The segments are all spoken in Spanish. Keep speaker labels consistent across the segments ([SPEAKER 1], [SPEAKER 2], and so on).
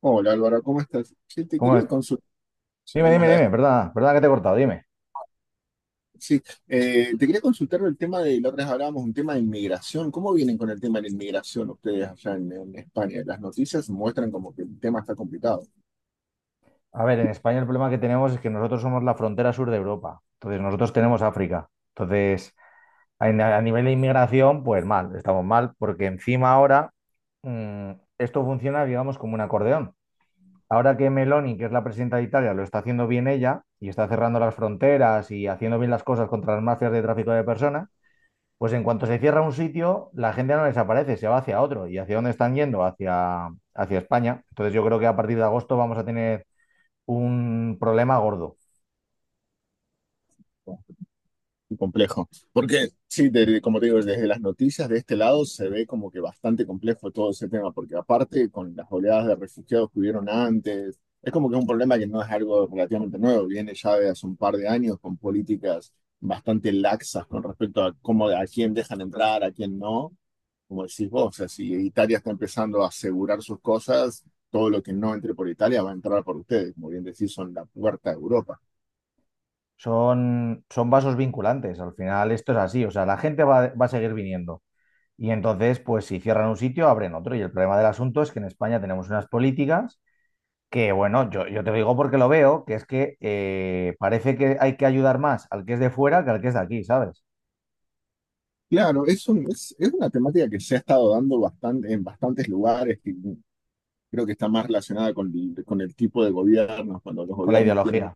[SPEAKER 1] Hola Álvaro, ¿cómo estás? Sí, te
[SPEAKER 2] ¿Cómo
[SPEAKER 1] quería
[SPEAKER 2] es?
[SPEAKER 1] consultar,
[SPEAKER 2] Dime,
[SPEAKER 1] mencionamos
[SPEAKER 2] dime,
[SPEAKER 1] la vez-
[SPEAKER 2] dime, perdona, perdona que te he cortado, dime.
[SPEAKER 1] sí, te quería consultar el tema de, la otra vez hablábamos, un tema de inmigración. ¿Cómo vienen con el tema de la inmigración ustedes allá en España? Las noticias muestran como que el tema está complicado.
[SPEAKER 2] A ver, en España el problema que tenemos es que nosotros somos la frontera sur de Europa, entonces nosotros tenemos África, entonces a nivel de inmigración, pues mal, estamos mal, porque encima ahora mm, esto funciona, digamos, como un acordeón. Ahora que Meloni, que es la presidenta de Italia, lo está haciendo bien ella y está cerrando las fronteras y haciendo bien las cosas contra las mafias de tráfico de personas. Pues en cuanto se cierra un sitio, la gente no desaparece, se va hacia otro. ¿Y hacia dónde están yendo? Hacia España. Entonces yo creo que a partir de agosto vamos a tener un problema gordo.
[SPEAKER 1] ¿No? Complejo, porque sí, como te digo, desde las noticias de este lado se ve como que bastante complejo todo ese tema, porque aparte con las oleadas de refugiados que hubieron antes, es como que es un problema que no es algo relativamente nuevo, viene ya de hace un par de años con políticas bastante laxas con respecto a cómo, a quién dejan entrar, a quién no, como decís vos, o sea, si Italia está empezando a asegurar sus cosas, todo lo que no entre por Italia va a entrar por ustedes, como bien decís, son la puerta de Europa.
[SPEAKER 2] Son vasos vinculantes, al final esto es así, o sea, la gente va a seguir viniendo. Y entonces, pues si cierran un sitio, abren otro. Y el problema del asunto es que en España tenemos unas políticas que, bueno, yo te lo digo porque lo veo, que es que parece que hay que ayudar más al que es de fuera que al que es de aquí, ¿sabes?
[SPEAKER 1] Claro, es una temática que se ha estado dando bastante, en bastantes lugares, que creo que está más relacionada con el tipo de gobiernos, cuando los
[SPEAKER 2] Con la
[SPEAKER 1] gobiernos tienen
[SPEAKER 2] ideología.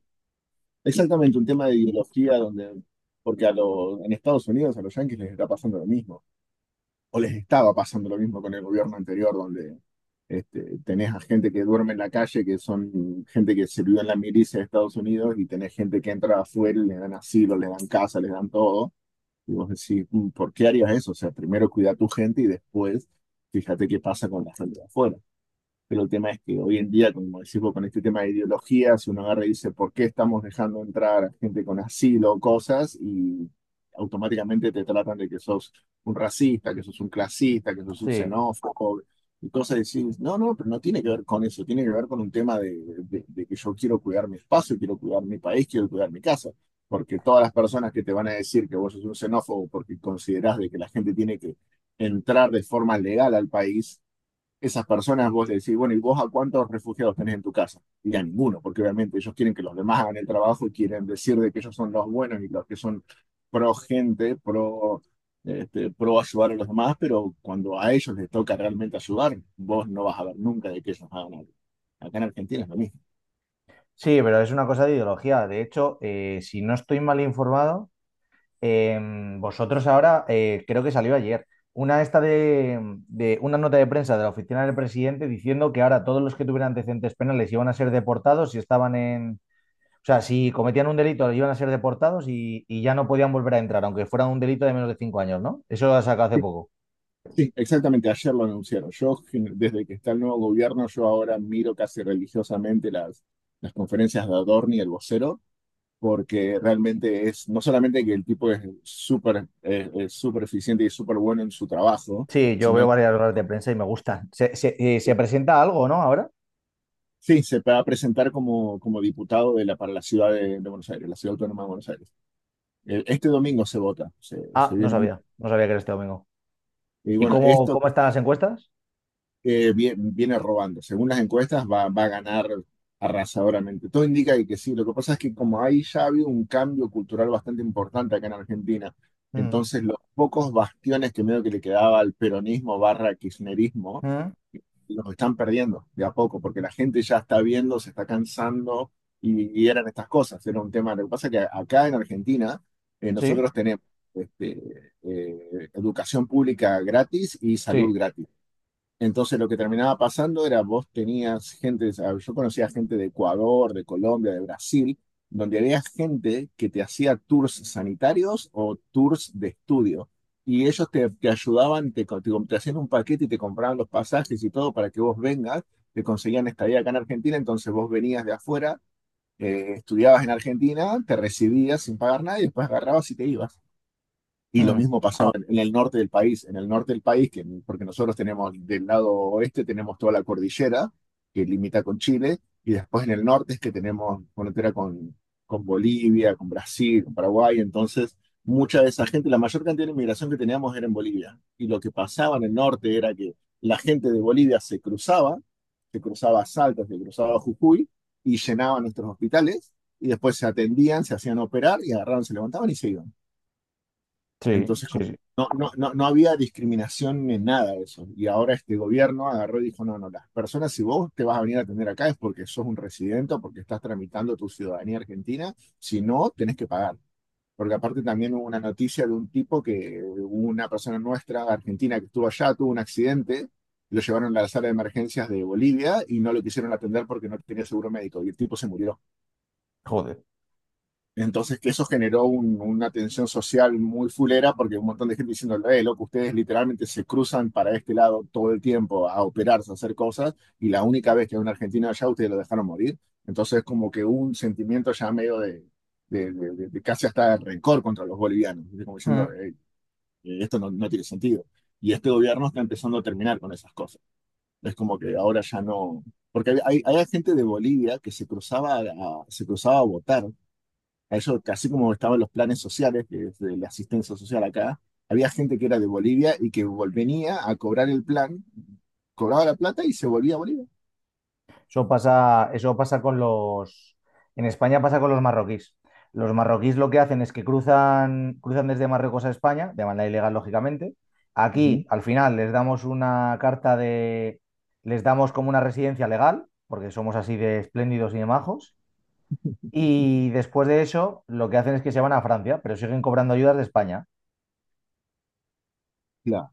[SPEAKER 1] exactamente un tema de ideología donde, porque en Estados Unidos a los yanquis les está pasando lo mismo, o les estaba pasando lo mismo con el gobierno anterior, donde tenés a gente que duerme en la calle, que son gente que sirvió en la milicia de Estados Unidos, y tenés gente que entra afuera y le dan asilo, le dan casa, les dan todo y vos decís, "Mm, ¿por qué harías eso? O sea, primero cuida a tu gente y después fíjate qué pasa con la gente de afuera." Pero el tema es que hoy en día, como decimos, con este tema de ideología, si uno agarra y dice, ¿por qué estamos dejando entrar a gente con asilo o cosas? Y automáticamente te tratan de que sos un racista, que sos un clasista, que sos un
[SPEAKER 2] Sí.
[SPEAKER 1] xenófobo y cosas así. No, no, pero no tiene que ver con eso, tiene que ver con un tema de, de que yo quiero cuidar mi espacio, quiero cuidar mi país, quiero cuidar mi casa. Porque todas las personas que te van a decir que vos sos un xenófobo porque considerás de que la gente tiene que entrar de forma legal al país, esas personas, vos decís, bueno, ¿y vos a cuántos refugiados tenés en tu casa? Y a ninguno, porque obviamente ellos quieren que los demás hagan el trabajo y quieren decir de que ellos son los buenos y los que son pro gente, pro ayudar a los demás, pero cuando a ellos les toca realmente ayudar, vos no vas a ver nunca de que ellos hagan algo. Acá en Argentina es lo mismo.
[SPEAKER 2] Sí, pero es una cosa de ideología. De hecho, si no estoy mal informado, vosotros ahora, creo que salió ayer, una, esta de una nota de prensa de la oficina del presidente diciendo que ahora todos los que tuvieran antecedentes penales iban a ser deportados si estaban en... O sea, si cometían un delito, iban a ser deportados y ya no podían volver a entrar, aunque fuera un delito de menos de 5 años, ¿no? Eso lo ha sacado hace
[SPEAKER 1] Sí,
[SPEAKER 2] poco.
[SPEAKER 1] sí, exactamente, ayer lo anunciaron. Yo, desde que está el nuevo gobierno, yo ahora miro casi religiosamente las conferencias de Adorni, el vocero, porque realmente es, no solamente que el tipo es súper es súper eficiente y súper bueno en su trabajo,
[SPEAKER 2] Sí, yo veo
[SPEAKER 1] sino que
[SPEAKER 2] varias horas de prensa y me gustan. ¿Se presenta algo, no? Ahora.
[SPEAKER 1] sí, se va a presentar como, como diputado de la, para la ciudad de Buenos Aires, la ciudad autónoma de Buenos Aires. Este domingo se vota, se,
[SPEAKER 2] Ah,
[SPEAKER 1] se
[SPEAKER 2] no
[SPEAKER 1] viene mucho.
[SPEAKER 2] sabía. No sabía que era este domingo.
[SPEAKER 1] Y
[SPEAKER 2] ¿Y
[SPEAKER 1] bueno,
[SPEAKER 2] cómo,
[SPEAKER 1] esto
[SPEAKER 2] cómo están las encuestas?
[SPEAKER 1] viene robando. Según las encuestas, va a ganar arrasadoramente. Todo indica que sí. Lo que pasa es que como ahí ya ha habido un cambio cultural bastante importante acá en Argentina,
[SPEAKER 2] Mm,
[SPEAKER 1] entonces los pocos bastiones que medio que le quedaba al peronismo barra kirchnerismo
[SPEAKER 2] mm,
[SPEAKER 1] los están perdiendo de a poco, porque la gente ya está viendo, se está cansando, y eran estas cosas, era un tema. Lo que pasa es que acá en Argentina
[SPEAKER 2] sí,
[SPEAKER 1] nosotros tenemos, educación pública gratis y
[SPEAKER 2] sí,
[SPEAKER 1] salud gratis. Entonces lo que terminaba pasando era vos tenías gente, o yo conocía gente de Ecuador, de Colombia, de Brasil, donde había gente que te hacía tours sanitarios o tours de estudio. Y ellos te ayudaban, te hacían un paquete y te compraban los pasajes y todo para que vos vengas, te conseguían estadía acá en Argentina, entonces vos venías de afuera, estudiabas en Argentina, te recibías sin pagar nada y después agarrabas y te ibas. Y lo
[SPEAKER 2] mm.
[SPEAKER 1] mismo pasaba en el norte del país. En el norte del país, que, porque nosotros tenemos del lado oeste, tenemos toda la cordillera que limita con Chile, y después en el norte es que tenemos frontera con Bolivia, con Brasil, con Paraguay. Entonces, mucha de esa gente, la mayor cantidad de inmigración que teníamos era en Bolivia. Y lo que pasaba en el norte era que la gente de Bolivia se cruzaba a Salta, se cruzaba a Jujuy, y llenaban nuestros hospitales, y después se atendían, se hacían operar, y agarraban, se levantaban y se iban.
[SPEAKER 2] Sí,
[SPEAKER 1] Entonces,
[SPEAKER 2] sí,
[SPEAKER 1] como,
[SPEAKER 2] sí.
[SPEAKER 1] no, no, no, no había discriminación en nada de eso. Y ahora este gobierno agarró y dijo, no, no, las personas, si vos te vas a venir a atender acá es porque sos un residente o porque estás tramitando tu ciudadanía argentina, si no, tenés que pagar. Porque aparte también hubo una noticia de un tipo, que una persona nuestra, argentina, que estuvo allá, tuvo un accidente, lo llevaron a la sala de emergencias de Bolivia y no lo quisieron atender porque no tenía seguro médico y el tipo se murió.
[SPEAKER 2] Joder.
[SPEAKER 1] Entonces, que eso generó una tensión social muy fulera, porque un montón de gente diciendo, loco, ustedes literalmente se cruzan para este lado todo el tiempo a operarse, a hacer cosas, y la única vez que hay un argentino allá, ustedes lo dejaron morir. Entonces, como que hubo un sentimiento ya medio de, de casi hasta rencor contra los bolivianos, ¿viste? Como diciendo,
[SPEAKER 2] Mm.
[SPEAKER 1] "Ey, esto no, no tiene sentido." Y este gobierno está empezando a terminar con esas cosas. Es como que ahora ya no... Porque hay gente de Bolivia que se cruzaba a votar a ellos, así como estaban los planes sociales, que es de la asistencia social acá, había gente que era de Bolivia y que venía a cobrar el plan, cobraba la plata y se volvía a Bolivia.
[SPEAKER 2] Eso pasa con los... En España pasa con los marroquíes. Los marroquíes lo que hacen es que cruzan, cruzan desde Marruecos a España, de manera ilegal, lógicamente.
[SPEAKER 1] Ujú.
[SPEAKER 2] Aquí, al final, les damos una carta de... Les damos como una residencia legal, porque somos así de espléndidos y de majos. Y después de eso, lo que hacen es que se van a Francia, pero siguen cobrando ayudas de España.
[SPEAKER 1] Claro,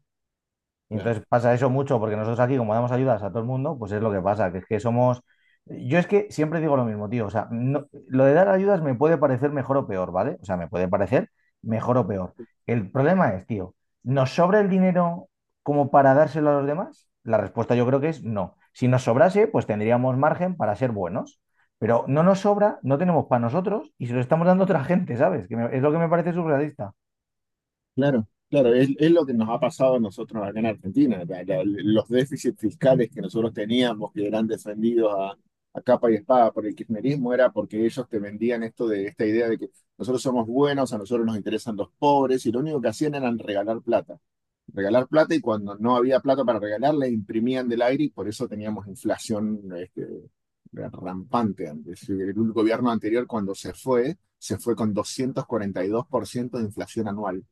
[SPEAKER 2] Y
[SPEAKER 1] claro,
[SPEAKER 2] entonces pasa eso mucho, porque nosotros aquí, como damos ayudas a todo el mundo, pues es lo que pasa, que es que somos. Yo es que siempre digo lo mismo, tío. O sea, lo de dar ayudas me puede parecer mejor o peor, ¿vale? O sea, me puede parecer mejor o peor. El problema es, tío, ¿nos sobra el dinero como para dárselo a los demás? La respuesta yo creo que es no. Si nos sobrase, pues tendríamos margen para ser buenos. Pero no nos sobra, no tenemos para nosotros y se lo estamos dando a otra gente, ¿sabes? Que es lo que me parece surrealista.
[SPEAKER 1] claro. Claro, es lo que nos ha pasado a nosotros acá en Argentina. Los déficits fiscales que nosotros teníamos, que eran defendidos a capa y espada por el kirchnerismo, era porque ellos te vendían esto, de esta idea de que nosotros somos buenos, a nosotros nos interesan los pobres, y lo único que hacían eran regalar plata. Regalar plata, y cuando no había plata para regalar, la imprimían del aire y por eso teníamos inflación, rampante antes. El gobierno anterior cuando se fue con 242% de inflación anual.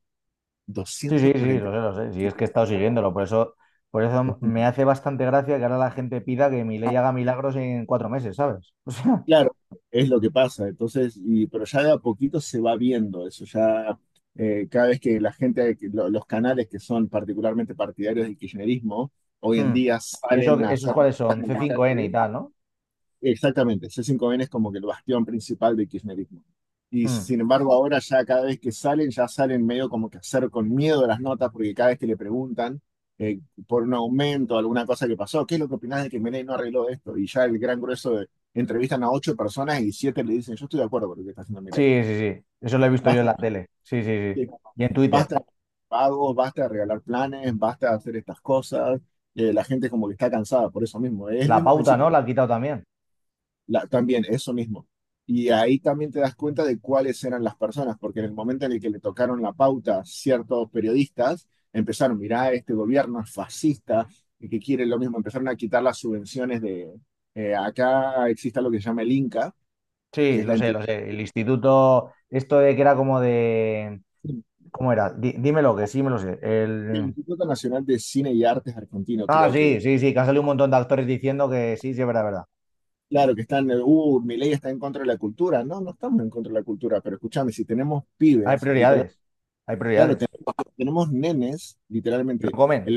[SPEAKER 2] Sí, sí, sí, lo sé, lo sé.
[SPEAKER 1] 242%.
[SPEAKER 2] Sí, es que he estado siguiéndolo, por eso, por
[SPEAKER 1] Es
[SPEAKER 2] eso me
[SPEAKER 1] un-
[SPEAKER 2] hace bastante gracia que ahora la gente pida que Milei haga milagros en 4 meses, ¿sabes? O sea,
[SPEAKER 1] Claro, es lo que pasa. Entonces, pero ya de a poquito se va viendo eso. Ya, cada vez que la gente, que los canales que son particularmente partidarios del kirchnerismo, hoy en
[SPEAKER 2] mm.
[SPEAKER 1] día
[SPEAKER 2] ¿Y eso,
[SPEAKER 1] salen a
[SPEAKER 2] esos
[SPEAKER 1] hacer
[SPEAKER 2] cuáles son?
[SPEAKER 1] en
[SPEAKER 2] c
[SPEAKER 1] la
[SPEAKER 2] cinco n y
[SPEAKER 1] calle.
[SPEAKER 2] tal, ¿no?
[SPEAKER 1] Exactamente, C5N es como que el bastión principal del kirchnerismo. Y
[SPEAKER 2] Mm.
[SPEAKER 1] sin embargo, ahora ya cada vez que salen, ya salen medio como que hacer con miedo las notas, porque cada vez que le preguntan, eh, por un aumento, alguna cosa que pasó, ¿qué es lo que opinás de que Milei no arregló esto? Y ya el gran grueso de, entrevistan a ocho personas y siete le dicen, yo estoy de acuerdo con lo que está haciendo Milei.
[SPEAKER 2] Sí, sí, sí. Eso lo he visto yo en
[SPEAKER 1] Basta,
[SPEAKER 2] la tele. Sí, sí, sí.
[SPEAKER 1] eh,
[SPEAKER 2] Y en Twitter.
[SPEAKER 1] basta pagos, basta de regalar planes, basta de hacer estas cosas. La gente como que está cansada por eso mismo. Es el
[SPEAKER 2] La
[SPEAKER 1] mismo
[SPEAKER 2] pauta,
[SPEAKER 1] principio.
[SPEAKER 2] ¿no? La han quitado también.
[SPEAKER 1] También, eso mismo. Y ahí también te das cuenta de cuáles eran las personas, porque en el momento en el que le tocaron la pauta a ciertos periodistas, empezaron, mirá, este gobierno es fascista y que quiere lo mismo, empezaron a quitar las subvenciones de... acá existe lo que se llama el INCA,
[SPEAKER 2] Sí,
[SPEAKER 1] que es la
[SPEAKER 2] lo sé,
[SPEAKER 1] entidad,
[SPEAKER 2] lo sé. El instituto, esto de que era como de... ¿Cómo era? Dímelo, que sí me lo sé.
[SPEAKER 1] el
[SPEAKER 2] El...
[SPEAKER 1] Instituto Nacional de Cine y Artes Argentino,
[SPEAKER 2] Ah,
[SPEAKER 1] creo que,
[SPEAKER 2] sí, sí, sí, que han salido un montón de actores diciendo que sí, sí, es verdad, es verdad.
[SPEAKER 1] claro, que están, ley está en contra de la cultura. No, no estamos en contra de la cultura, pero escúchame, si tenemos
[SPEAKER 2] Hay
[SPEAKER 1] pibes, literal,
[SPEAKER 2] prioridades, hay
[SPEAKER 1] claro,
[SPEAKER 2] prioridades.
[SPEAKER 1] tenemos nenes,
[SPEAKER 2] Que
[SPEAKER 1] literalmente.
[SPEAKER 2] no comen.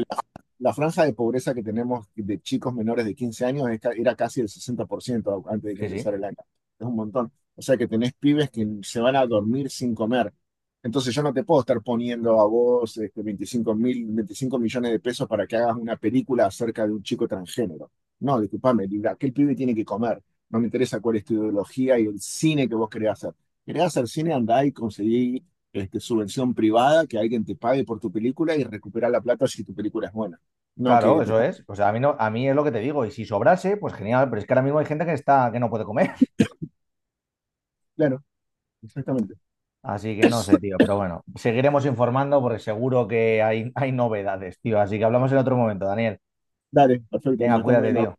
[SPEAKER 1] La franja de pobreza que tenemos de chicos menores de 15 años era casi el 60% antes de que
[SPEAKER 2] Sí, sí.
[SPEAKER 1] empezara el año. Es un montón. O sea que tenés pibes que se van a dormir sin comer. Entonces yo no te puedo estar poniendo a vos, 25 millones de pesos para que hagas una película acerca de un chico transgénero. No, discúlpame, digo, aquel pibe tiene que comer. No me interesa cuál es tu ideología y el cine que vos querés hacer. Querés hacer cine, andá y conseguí, subvención privada, que alguien te pague por tu película y recuperar la plata si tu película es buena. No, que
[SPEAKER 2] Claro,
[SPEAKER 1] te
[SPEAKER 2] eso
[SPEAKER 1] está
[SPEAKER 2] es. O sea, a mí no, a mí es lo que te digo. Y si sobrase, pues genial. Pero es que ahora mismo hay gente que está, que no puede comer.
[SPEAKER 1] claro, exactamente.
[SPEAKER 2] Así que no sé, tío. Pero bueno, seguiremos informando porque seguro que hay novedades, tío. Así que hablamos en otro momento, Daniel.
[SPEAKER 1] Dale, perfecto, nos
[SPEAKER 2] Venga,
[SPEAKER 1] estamos
[SPEAKER 2] cuídate,
[SPEAKER 1] viendo.
[SPEAKER 2] tío.